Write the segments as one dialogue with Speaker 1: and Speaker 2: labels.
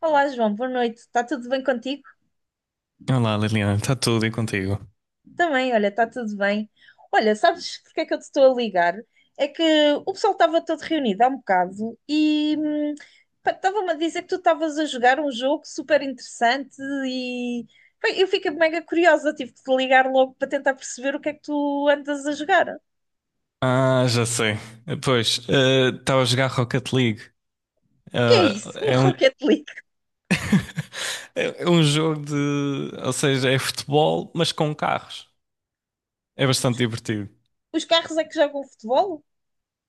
Speaker 1: Olá, João, boa noite. Está tudo bem contigo?
Speaker 2: Olá, Liliana, está tudo e contigo?
Speaker 1: Também, olha, está tudo bem. Olha, sabes porque é que eu te estou a ligar? É que o pessoal estava todo reunido há um bocado e pá, estava-me a dizer que tu estavas a jogar um jogo super interessante e bem, eu fiquei mega curiosa, tive que te ligar logo para tentar perceber o que é que tu andas a jogar.
Speaker 2: Ah, já sei. Pois, estava a jogar Rocket League.
Speaker 1: O que é
Speaker 2: Ah,
Speaker 1: isso? No
Speaker 2: é um...
Speaker 1: Rocket League?
Speaker 2: é um jogo de. Ou seja, é futebol, mas com carros. É bastante divertido.
Speaker 1: Os carros é que jogam futebol?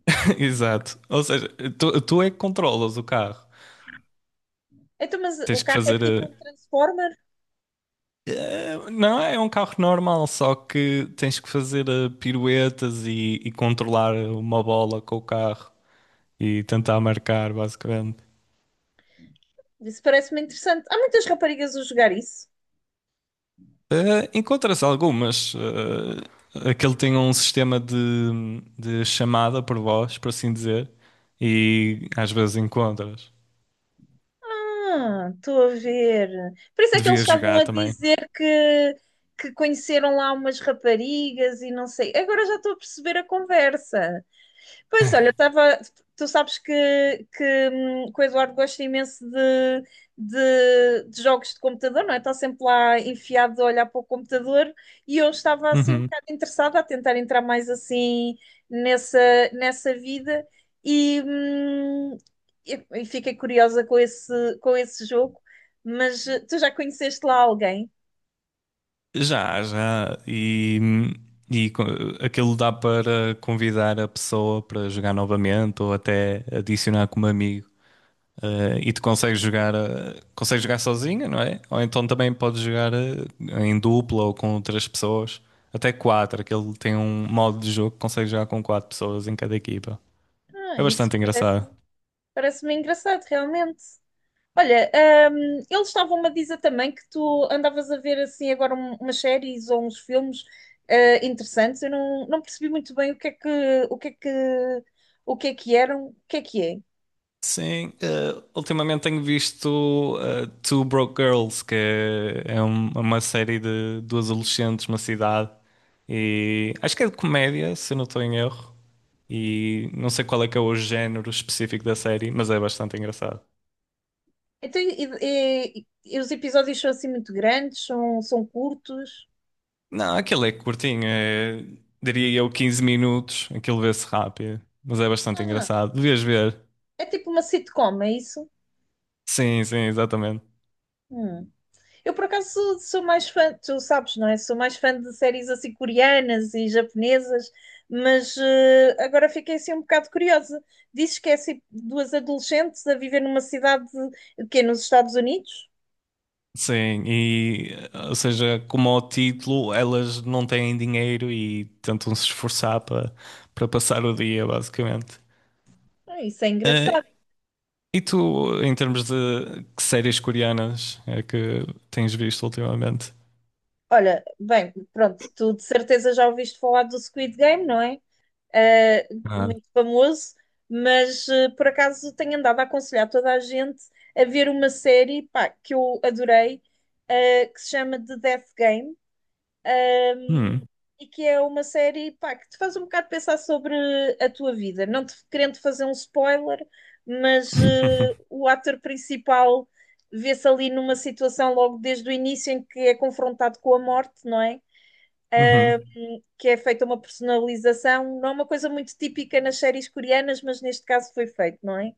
Speaker 2: Exato. Ou seja, tu é que controlas o carro.
Speaker 1: Então, mas o
Speaker 2: Tens que
Speaker 1: carro é
Speaker 2: fazer
Speaker 1: tipo um
Speaker 2: a.
Speaker 1: Transformer?
Speaker 2: Não, É um carro normal, só que tens que fazer piruetas e controlar uma bola com o carro e tentar marcar, basicamente.
Speaker 1: Isso parece-me interessante. Há muitas raparigas a jogar isso.
Speaker 2: Eh, encontras algumas. Eh, aquele tem um sistema de chamada por voz, por assim dizer, e às vezes encontras.
Speaker 1: Ah, estou a ver. Por isso é que eles
Speaker 2: Devias
Speaker 1: estavam
Speaker 2: jogar
Speaker 1: a
Speaker 2: também.
Speaker 1: dizer que conheceram lá umas raparigas e não sei. Agora já estou a perceber a conversa. Pois olha, eu estava. Tu sabes que o Eduardo gosta imenso de jogos de computador, não é? Está sempre lá enfiado a olhar para o computador e eu estava assim um
Speaker 2: Uhum.
Speaker 1: bocado interessada a tentar entrar mais assim nessa, nessa vida e, hum, e fiquei curiosa com esse jogo, mas tu já conheceste lá alguém?
Speaker 2: Já, já. E co- Aquilo dá para convidar a pessoa para jogar novamente ou até adicionar como amigo. E tu consegues jogar, consegues jogar sozinho, não é? Ou então também podes jogar em dupla ou com outras pessoas, até quatro. Aquele tem um modo de jogo que consegues jogar com quatro pessoas em cada equipa.
Speaker 1: Ah,
Speaker 2: É
Speaker 1: isso
Speaker 2: bastante
Speaker 1: parece,
Speaker 2: engraçado.
Speaker 1: parece-me engraçado, realmente. Olha, eles estavam-me a dizer também que tu andavas a ver assim agora umas séries ou uns filmes interessantes. Eu não percebi muito bem o que é que o que é que o que é que eram, o que é que é.
Speaker 2: Sim, ultimamente tenho visto Two Broke Girls, é uma série de duas adolescentes numa cidade. E acho que é de comédia, se não estou em erro. E não sei qual é que é o género específico da série, mas é bastante engraçado.
Speaker 1: Então, e os episódios são assim muito grandes, são curtos.
Speaker 2: Não, aquilo é curtinho, é, diria eu 15 minutos. Aquilo vê-se rápido, mas é bastante
Speaker 1: Ah,
Speaker 2: engraçado. Devias ver.
Speaker 1: é tipo uma sitcom, é isso?
Speaker 2: Sim, sim, exatamente.
Speaker 1: Hum. Eu, por acaso, sou mais fã, tu sabes, não é? Sou mais fã de séries assim coreanas e japonesas, mas agora fiquei assim um bocado curiosa. Dizes que é assim duas adolescentes a viver numa cidade que é nos Estados Unidos?
Speaker 2: Sim, e ou seja, como ao título, elas não têm dinheiro e tentam se esforçar para para passar o dia, basicamente.
Speaker 1: Ah, isso é
Speaker 2: Eh,
Speaker 1: engraçado.
Speaker 2: e tu, em termos de que séries coreanas é que tens visto ultimamente?
Speaker 1: Olha, bem, pronto, tu de certeza já ouviste falar do Squid Game, não é? Eh,
Speaker 2: Ah.
Speaker 1: Muito famoso, mas por acaso tenho andado a aconselhar toda a gente a ver uma série, pá, que eu adorei que se chama The Death Game,
Speaker 2: Hum.
Speaker 1: e que é uma série, pá, que te faz um bocado pensar sobre a tua vida. Não te querendo fazer um spoiler, mas o ator principal vê-se ali numa situação logo desde o início em que é confrontado com a morte, não é?
Speaker 2: Uhum.
Speaker 1: Que é feita uma personalização, não é uma coisa muito típica nas séries coreanas, mas neste caso foi feito, não é?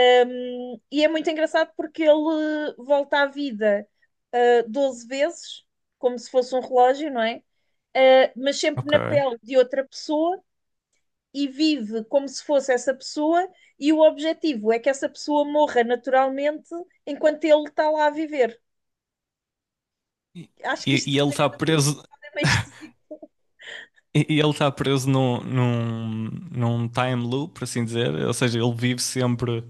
Speaker 1: E é muito engraçado porque ele volta à vida 12 vezes, como se fosse um relógio, não é? Eh, mas sempre na
Speaker 2: Ok.
Speaker 1: pele de outra pessoa e vive como se fosse essa pessoa, e o objetivo é que essa pessoa morra naturalmente enquanto ele está lá a viver.
Speaker 2: E,
Speaker 1: Acho que
Speaker 2: e-
Speaker 1: isto
Speaker 2: e ele está preso.
Speaker 1: é meio esquisito.
Speaker 2: E ele está preso num time loop, por assim dizer. Ou seja, ele vive sempre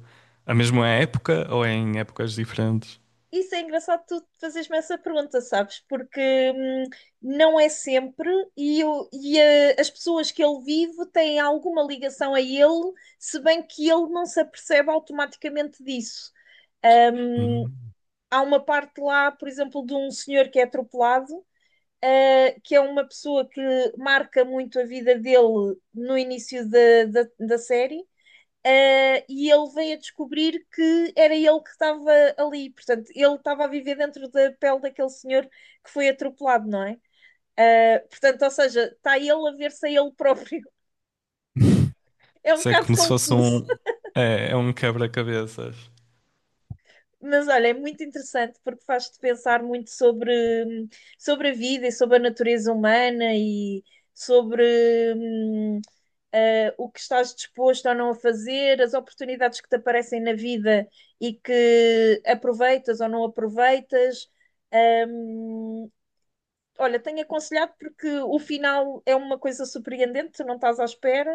Speaker 2: a mesma época ou em épocas diferentes.
Speaker 1: Isso é engraçado tu fazeres-me essa pergunta, sabes? Porque hum, não é sempre, as pessoas que ele vive têm alguma ligação a ele, se bem que ele não se apercebe automaticamente disso.
Speaker 2: Hum.
Speaker 1: Há uma parte lá, por exemplo, de um senhor que é atropelado que é uma pessoa que marca muito a vida dele no início da série. E ele veio a descobrir que era ele que estava ali, portanto, ele estava a viver dentro da pele daquele senhor que foi atropelado, não é? Portanto, ou seja, está ele a ver-se a ele próprio. É um
Speaker 2: Isso é
Speaker 1: bocado
Speaker 2: como se fosse
Speaker 1: confuso,
Speaker 2: um. É, é um quebra-cabeças.
Speaker 1: mas olha, é muito interessante porque faz-te pensar muito sobre a vida e sobre a natureza humana e sobre hum, o que estás disposto ou não a fazer, as oportunidades que te aparecem na vida e que aproveitas ou não aproveitas. Hum, Olha, tenho aconselhado porque o final é uma coisa surpreendente, tu não estás à espera,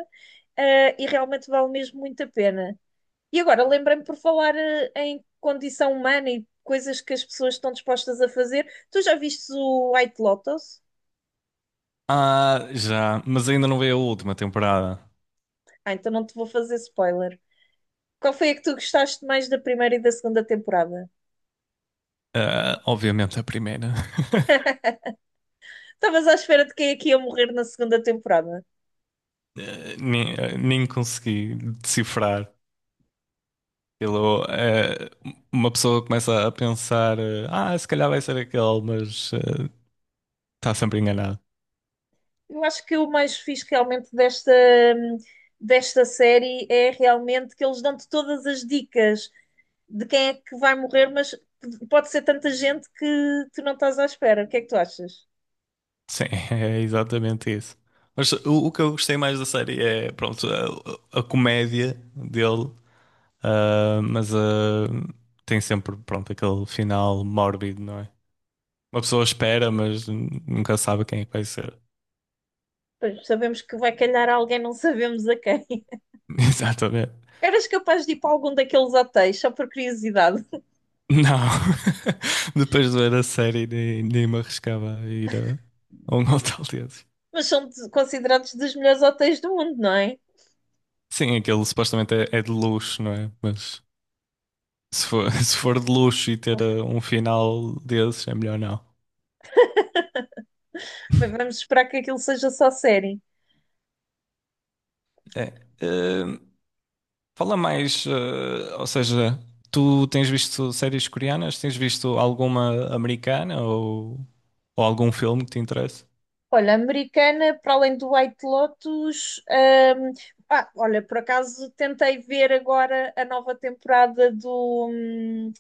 Speaker 1: e realmente vale mesmo muito a pena. E agora lembrei-me por falar em condição humana e coisas que as pessoas estão dispostas a fazer. Tu já viste o White Lotus?
Speaker 2: Ah, já. Mas ainda não veio a última temporada.
Speaker 1: Ah, então não te vou fazer spoiler. Qual foi a que tu gostaste mais da primeira e da segunda temporada?
Speaker 2: Ah, obviamente a primeira.
Speaker 1: Estavas à espera de quem é que ia morrer na segunda temporada?
Speaker 2: Nem, nem consegui decifrar. Aquilo, uma pessoa começa a pensar: ah, se calhar vai ser aquele, mas está sempre enganado.
Speaker 1: Eu acho que o mais fixe realmente desta, hum, desta série é realmente que eles dão-te todas as dicas de quem é que vai morrer, mas pode ser tanta gente que tu não estás à espera. O que é que tu achas?
Speaker 2: Sim, é exatamente isso. Mas o que eu gostei mais da série é, pronto, a comédia dele, ah, mas ah, tem sempre, pronto, aquele final mórbido, não é? Uma pessoa espera, mas nunca sabe quem é que vai ser.
Speaker 1: Pois, sabemos que vai calhar a alguém, não sabemos a quem.
Speaker 2: Exatamente.
Speaker 1: Eras capaz de ir para algum daqueles hotéis, só por curiosidade.
Speaker 2: Não. Depois de ver a série, nem, nem me arriscava a ir a um hotel desses.
Speaker 1: Mas são considerados dos melhores hotéis do mundo, não é?
Speaker 2: Sim, aquele supostamente é, é de luxo, não é? Mas se for, se for de luxo e ter um final desses, é melhor não.
Speaker 1: Bem, vamos esperar que aquilo seja só série.
Speaker 2: É. Eh, Fala mais, ou seja, tu tens visto séries coreanas? Tens visto alguma americana ou algum filme que te interessa?
Speaker 1: Olha, americana, para além do White Lotus. Olha, por acaso tentei ver agora a nova temporada do. hum,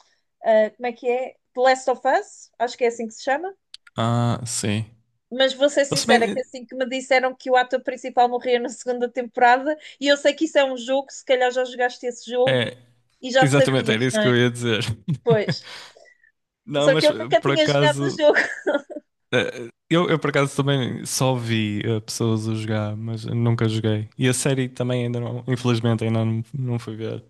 Speaker 1: ah, Como é que é? The Last of Us, acho que é assim que se chama.
Speaker 2: Ah, sim.
Speaker 1: Mas vou ser
Speaker 2: Eu
Speaker 1: sincera, que
Speaker 2: também-
Speaker 1: assim que me disseram que o ator principal morria na segunda temporada, e eu sei que isso é um jogo, se calhar já jogaste esse jogo
Speaker 2: É,
Speaker 1: e já
Speaker 2: exatamente, era
Speaker 1: sabias,
Speaker 2: isso
Speaker 1: não
Speaker 2: que
Speaker 1: é?
Speaker 2: eu ia dizer.
Speaker 1: Pois.
Speaker 2: Não,
Speaker 1: Só que
Speaker 2: mas
Speaker 1: eu nunca
Speaker 2: por
Speaker 1: tinha jogado o
Speaker 2: acaso,
Speaker 1: jogo.
Speaker 2: eu por acaso também só vi pessoas a jogar, mas eu nunca joguei. E a série também ainda não, infelizmente ainda não, não fui ver.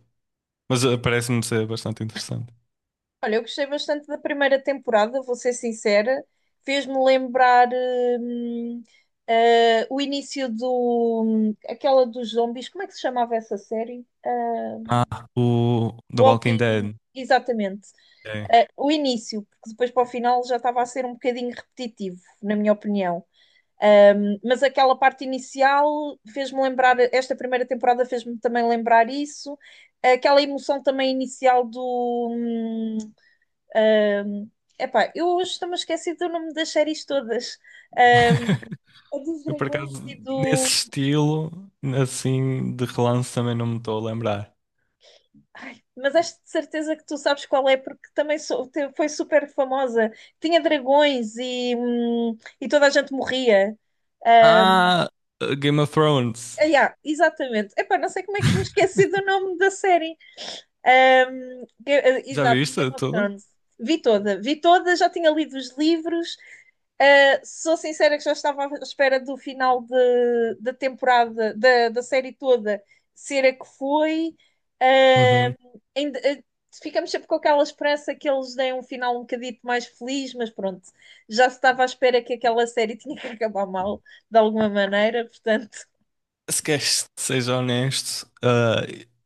Speaker 2: Mas parece-me ser bastante interessante.
Speaker 1: Olha, eu gostei bastante da primeira temporada, vou ser sincera. Fez-me lembrar hum, o início do aquela dos zombies, como é que se chamava essa série?
Speaker 2: Ah, o The Walking
Speaker 1: Walking,
Speaker 2: Dead.
Speaker 1: exatamente.
Speaker 2: É.
Speaker 1: Eh, o início, porque depois para o final já estava a ser um bocadinho repetitivo, na minha opinião. Um, mas aquela parte inicial fez-me lembrar, esta primeira temporada fez-me também lembrar isso, aquela emoção também inicial do. Um, epá, eu hoje estou-me esquecido do nome das séries todas. Um, dos
Speaker 2: Eu, por
Speaker 1: dragões e
Speaker 2: acaso, nesse
Speaker 1: do.
Speaker 2: estilo, assim, de relance também não me estou a lembrar.
Speaker 1: Ai, mas acho de certeza que tu sabes qual é, porque também foi super famosa. Tinha dragões e toda a gente morria. Ah,
Speaker 2: Ah, Game of Thrones.
Speaker 1: yeah, exatamente. Epá, não sei como é que me esqueci do nome da série. Um,
Speaker 2: Já
Speaker 1: exato, Game
Speaker 2: viste
Speaker 1: of
Speaker 2: tudo?
Speaker 1: Thrones. Vi toda, já tinha lido os livros. Sou sincera que já estava à espera do final da temporada, da série toda, ser a que foi.
Speaker 2: Uhum.
Speaker 1: Uh, ainda, uh, Ficamos sempre com aquela esperança que eles deem um final um bocadito mais feliz, mas pronto, já se estava à espera que aquela série tinha que acabar mal, de alguma maneira, portanto.
Speaker 2: Se queres que seja honesto,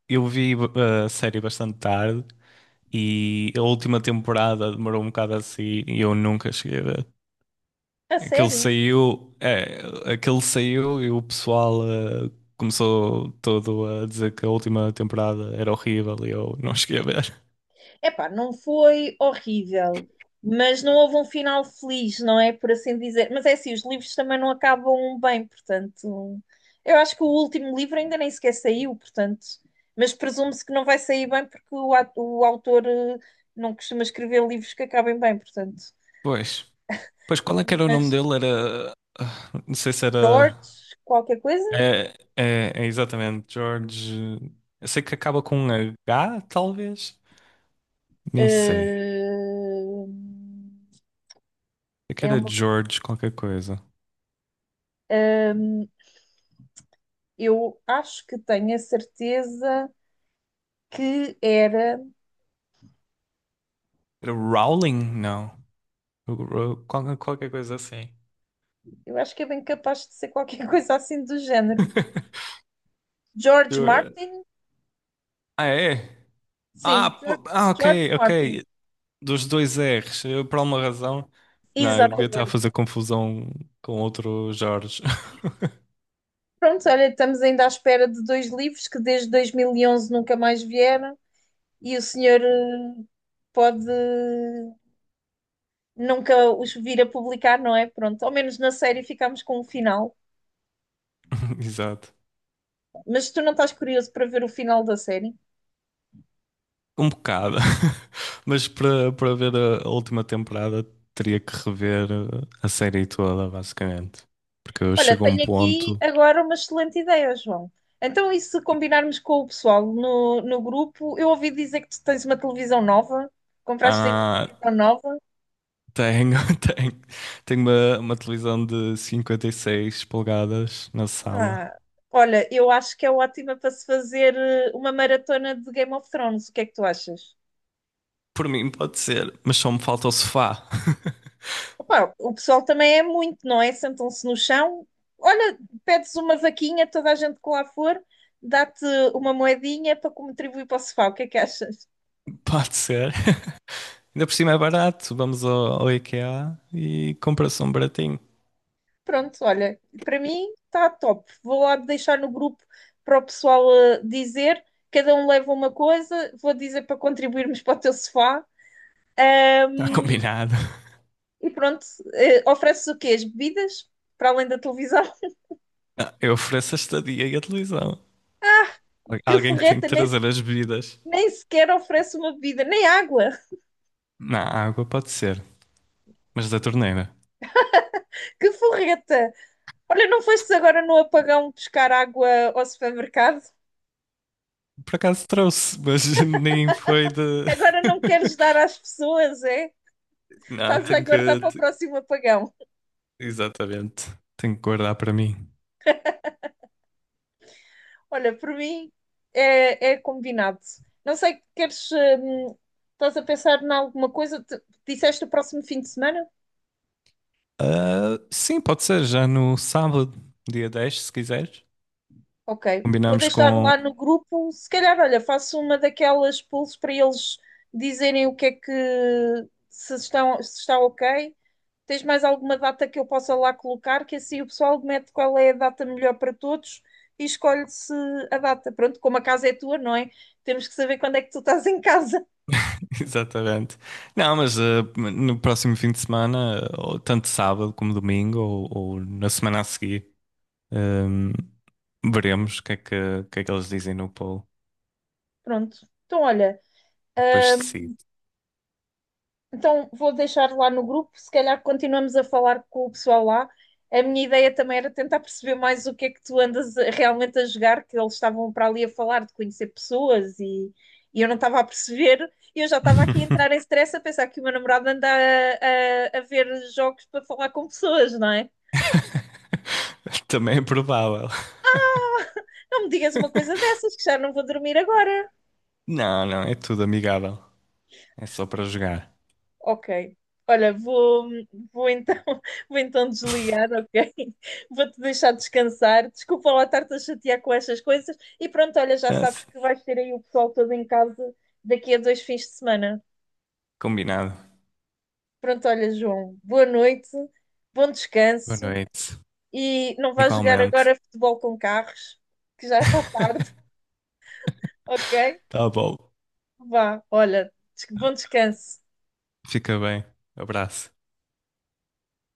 Speaker 2: eu vi a série bastante tarde e a última temporada demorou um bocado assim e eu nunca cheguei a ver.
Speaker 1: A
Speaker 2: Aquele
Speaker 1: sério?
Speaker 2: saiu, é, aquele saiu e o pessoal começou todo a dizer que a última temporada era horrível e eu não cheguei a ver.
Speaker 1: Epá, não foi horrível, mas não houve um final feliz, não é? Por assim dizer. Mas é assim, os livros também não acabam bem, portanto. Eu acho que o último livro ainda nem sequer saiu, portanto. Mas presume-se que não vai sair bem porque o autor não costuma escrever livros que acabem bem, portanto.
Speaker 2: Pois, pois qual é que era o nome
Speaker 1: Mas
Speaker 2: dele? Era, ah, não sei se era,
Speaker 1: George, qualquer coisa?
Speaker 2: é exatamente, George. Eu sei que acaba com um H, talvez? Nem sei,
Speaker 1: eh,
Speaker 2: é que
Speaker 1: É
Speaker 2: era
Speaker 1: uma,
Speaker 2: George qualquer coisa.
Speaker 1: eu acho que tenho a certeza que era.
Speaker 2: Era Rowling? Não, Ro- qual- qualquer coisa assim.
Speaker 1: Eu acho que é bem capaz de ser qualquer coisa assim do género. George Martin?
Speaker 2: Ah, é?
Speaker 1: Sim, George, George
Speaker 2: Ok,
Speaker 1: Martin.
Speaker 2: ok. Dos dois R's, eu, por alguma razão. Não, eu devia estar a
Speaker 1: Exatamente.
Speaker 2: fazer confusão com outro Jorge.
Speaker 1: Pronto, olha, estamos ainda à espera de dois livros que desde 2011 nunca mais vieram e o senhor pode nunca os vir a publicar, não é? Pronto, ao menos na série ficámos com o final.
Speaker 2: Exato.
Speaker 1: Mas tu não estás curioso para ver o final da série?
Speaker 2: Um bocado. Mas para para ver a última temporada, teria que rever a série toda, basicamente. Porque
Speaker 1: Olha,
Speaker 2: chegou um
Speaker 1: tenho aqui
Speaker 2: ponto.
Speaker 1: agora uma excelente ideia, João. Então, e se combinarmos com o pessoal no grupo? Eu ouvi dizer que tu tens uma televisão nova, compraste aí uma
Speaker 2: Ah,
Speaker 1: televisão nova.
Speaker 2: tenho, tenho, tenho uma televisão de 56 polegadas na sala.
Speaker 1: Ah, olha, eu acho que é ótima para se fazer uma maratona de Game of Thrones. O que é que tu achas?
Speaker 2: Por mim, pode ser, mas só me falta o sofá.
Speaker 1: Opa, o pessoal também é muito, não é? Sentam-se no chão. Olha, pedes uma vaquinha, toda a gente que lá for, dá-te uma moedinha para contribuir para o sofá. O que é que achas?
Speaker 2: Pode ser. Ainda por cima é barato. Vamos ao IKEA e compra-se um baratinho.
Speaker 1: Pronto, olha, para mim está top. Vou lá deixar no grupo para o pessoal dizer, cada um leva uma coisa, vou dizer para contribuirmos para o teu sofá
Speaker 2: Está combinado.
Speaker 1: e pronto, ofereces o quê? As bebidas? Para além da televisão?
Speaker 2: Não, eu ofereço a estadia e a televisão.
Speaker 1: Que
Speaker 2: Alguém que tem que
Speaker 1: forreta,
Speaker 2: trazer as bebidas.
Speaker 1: nem sequer oferece uma bebida, nem água.
Speaker 2: Na água pode ser, mas da torneira.
Speaker 1: Que forreta! Olha, não fostes agora no apagão buscar água ao supermercado?
Speaker 2: Por acaso trouxe, mas nem foi de.
Speaker 1: Agora não queres dar às pessoas, é?
Speaker 2: Não,
Speaker 1: Estás a
Speaker 2: tenho
Speaker 1: guardar
Speaker 2: que.
Speaker 1: para o
Speaker 2: Te-
Speaker 1: próximo apagão.
Speaker 2: Exatamente. Tenho que guardar para mim.
Speaker 1: Olha, por mim é combinado. Não sei, queres. Estás a pensar em alguma coisa? Disseste o próximo fim de semana?
Speaker 2: Ah, sim, pode ser já no sábado, dia 10, se quiseres.
Speaker 1: Ok. Vou
Speaker 2: Combinamos
Speaker 1: deixar
Speaker 2: com,
Speaker 1: lá no grupo. Se calhar, olha, faço uma daquelas polls para eles dizerem o que é que. Se estão, se está ok. Tens mais alguma data que eu possa lá colocar? Que assim o pessoal mete qual é a data melhor para todos e escolhe-se a data. Pronto, como a casa é tua, não é? Temos que saber quando é que tu estás em casa.
Speaker 2: exatamente. Não, mas no próximo fim de semana, ou tanto sábado como domingo, ou na semana a seguir, ehm, veremos o que é que, o que é que eles dizem no poll
Speaker 1: Pronto. Então, olha,
Speaker 2: e depois
Speaker 1: ahm,
Speaker 2: decido.
Speaker 1: então vou deixar lá no grupo, se calhar continuamos a falar com o pessoal lá. A minha ideia também era tentar perceber mais o que é que tu andas realmente a jogar, que eles estavam para ali a falar de conhecer pessoas e eu não estava a perceber. E eu já estava aqui a entrar em stress a pensar que o meu namorado anda a ver jogos para falar com pessoas, não é?
Speaker 2: Também é provável.
Speaker 1: Ah, não me digas uma coisa dessas, que já não vou dormir agora.
Speaker 2: Não, não, é tudo amigável. É só para jogar.
Speaker 1: Ok. Olha, vou então, vou então desligar, ok? Vou-te deixar descansar. Desculpa lá estar-te a chatear com estas coisas. E pronto, olha, já
Speaker 2: É,
Speaker 1: sabes
Speaker 2: s-
Speaker 1: que vais ter aí o pessoal todo em casa daqui a dois fins de semana.
Speaker 2: combinado.
Speaker 1: Pronto, olha, João, boa noite, bom
Speaker 2: Boa
Speaker 1: descanso
Speaker 2: noite.
Speaker 1: e não vais jogar
Speaker 2: Igualmente.
Speaker 1: agora futebol com carros, que já está tarde, ok?
Speaker 2: Tá bom.
Speaker 1: Vá, olha, bom descanso.
Speaker 2: Fica bem. Abraço.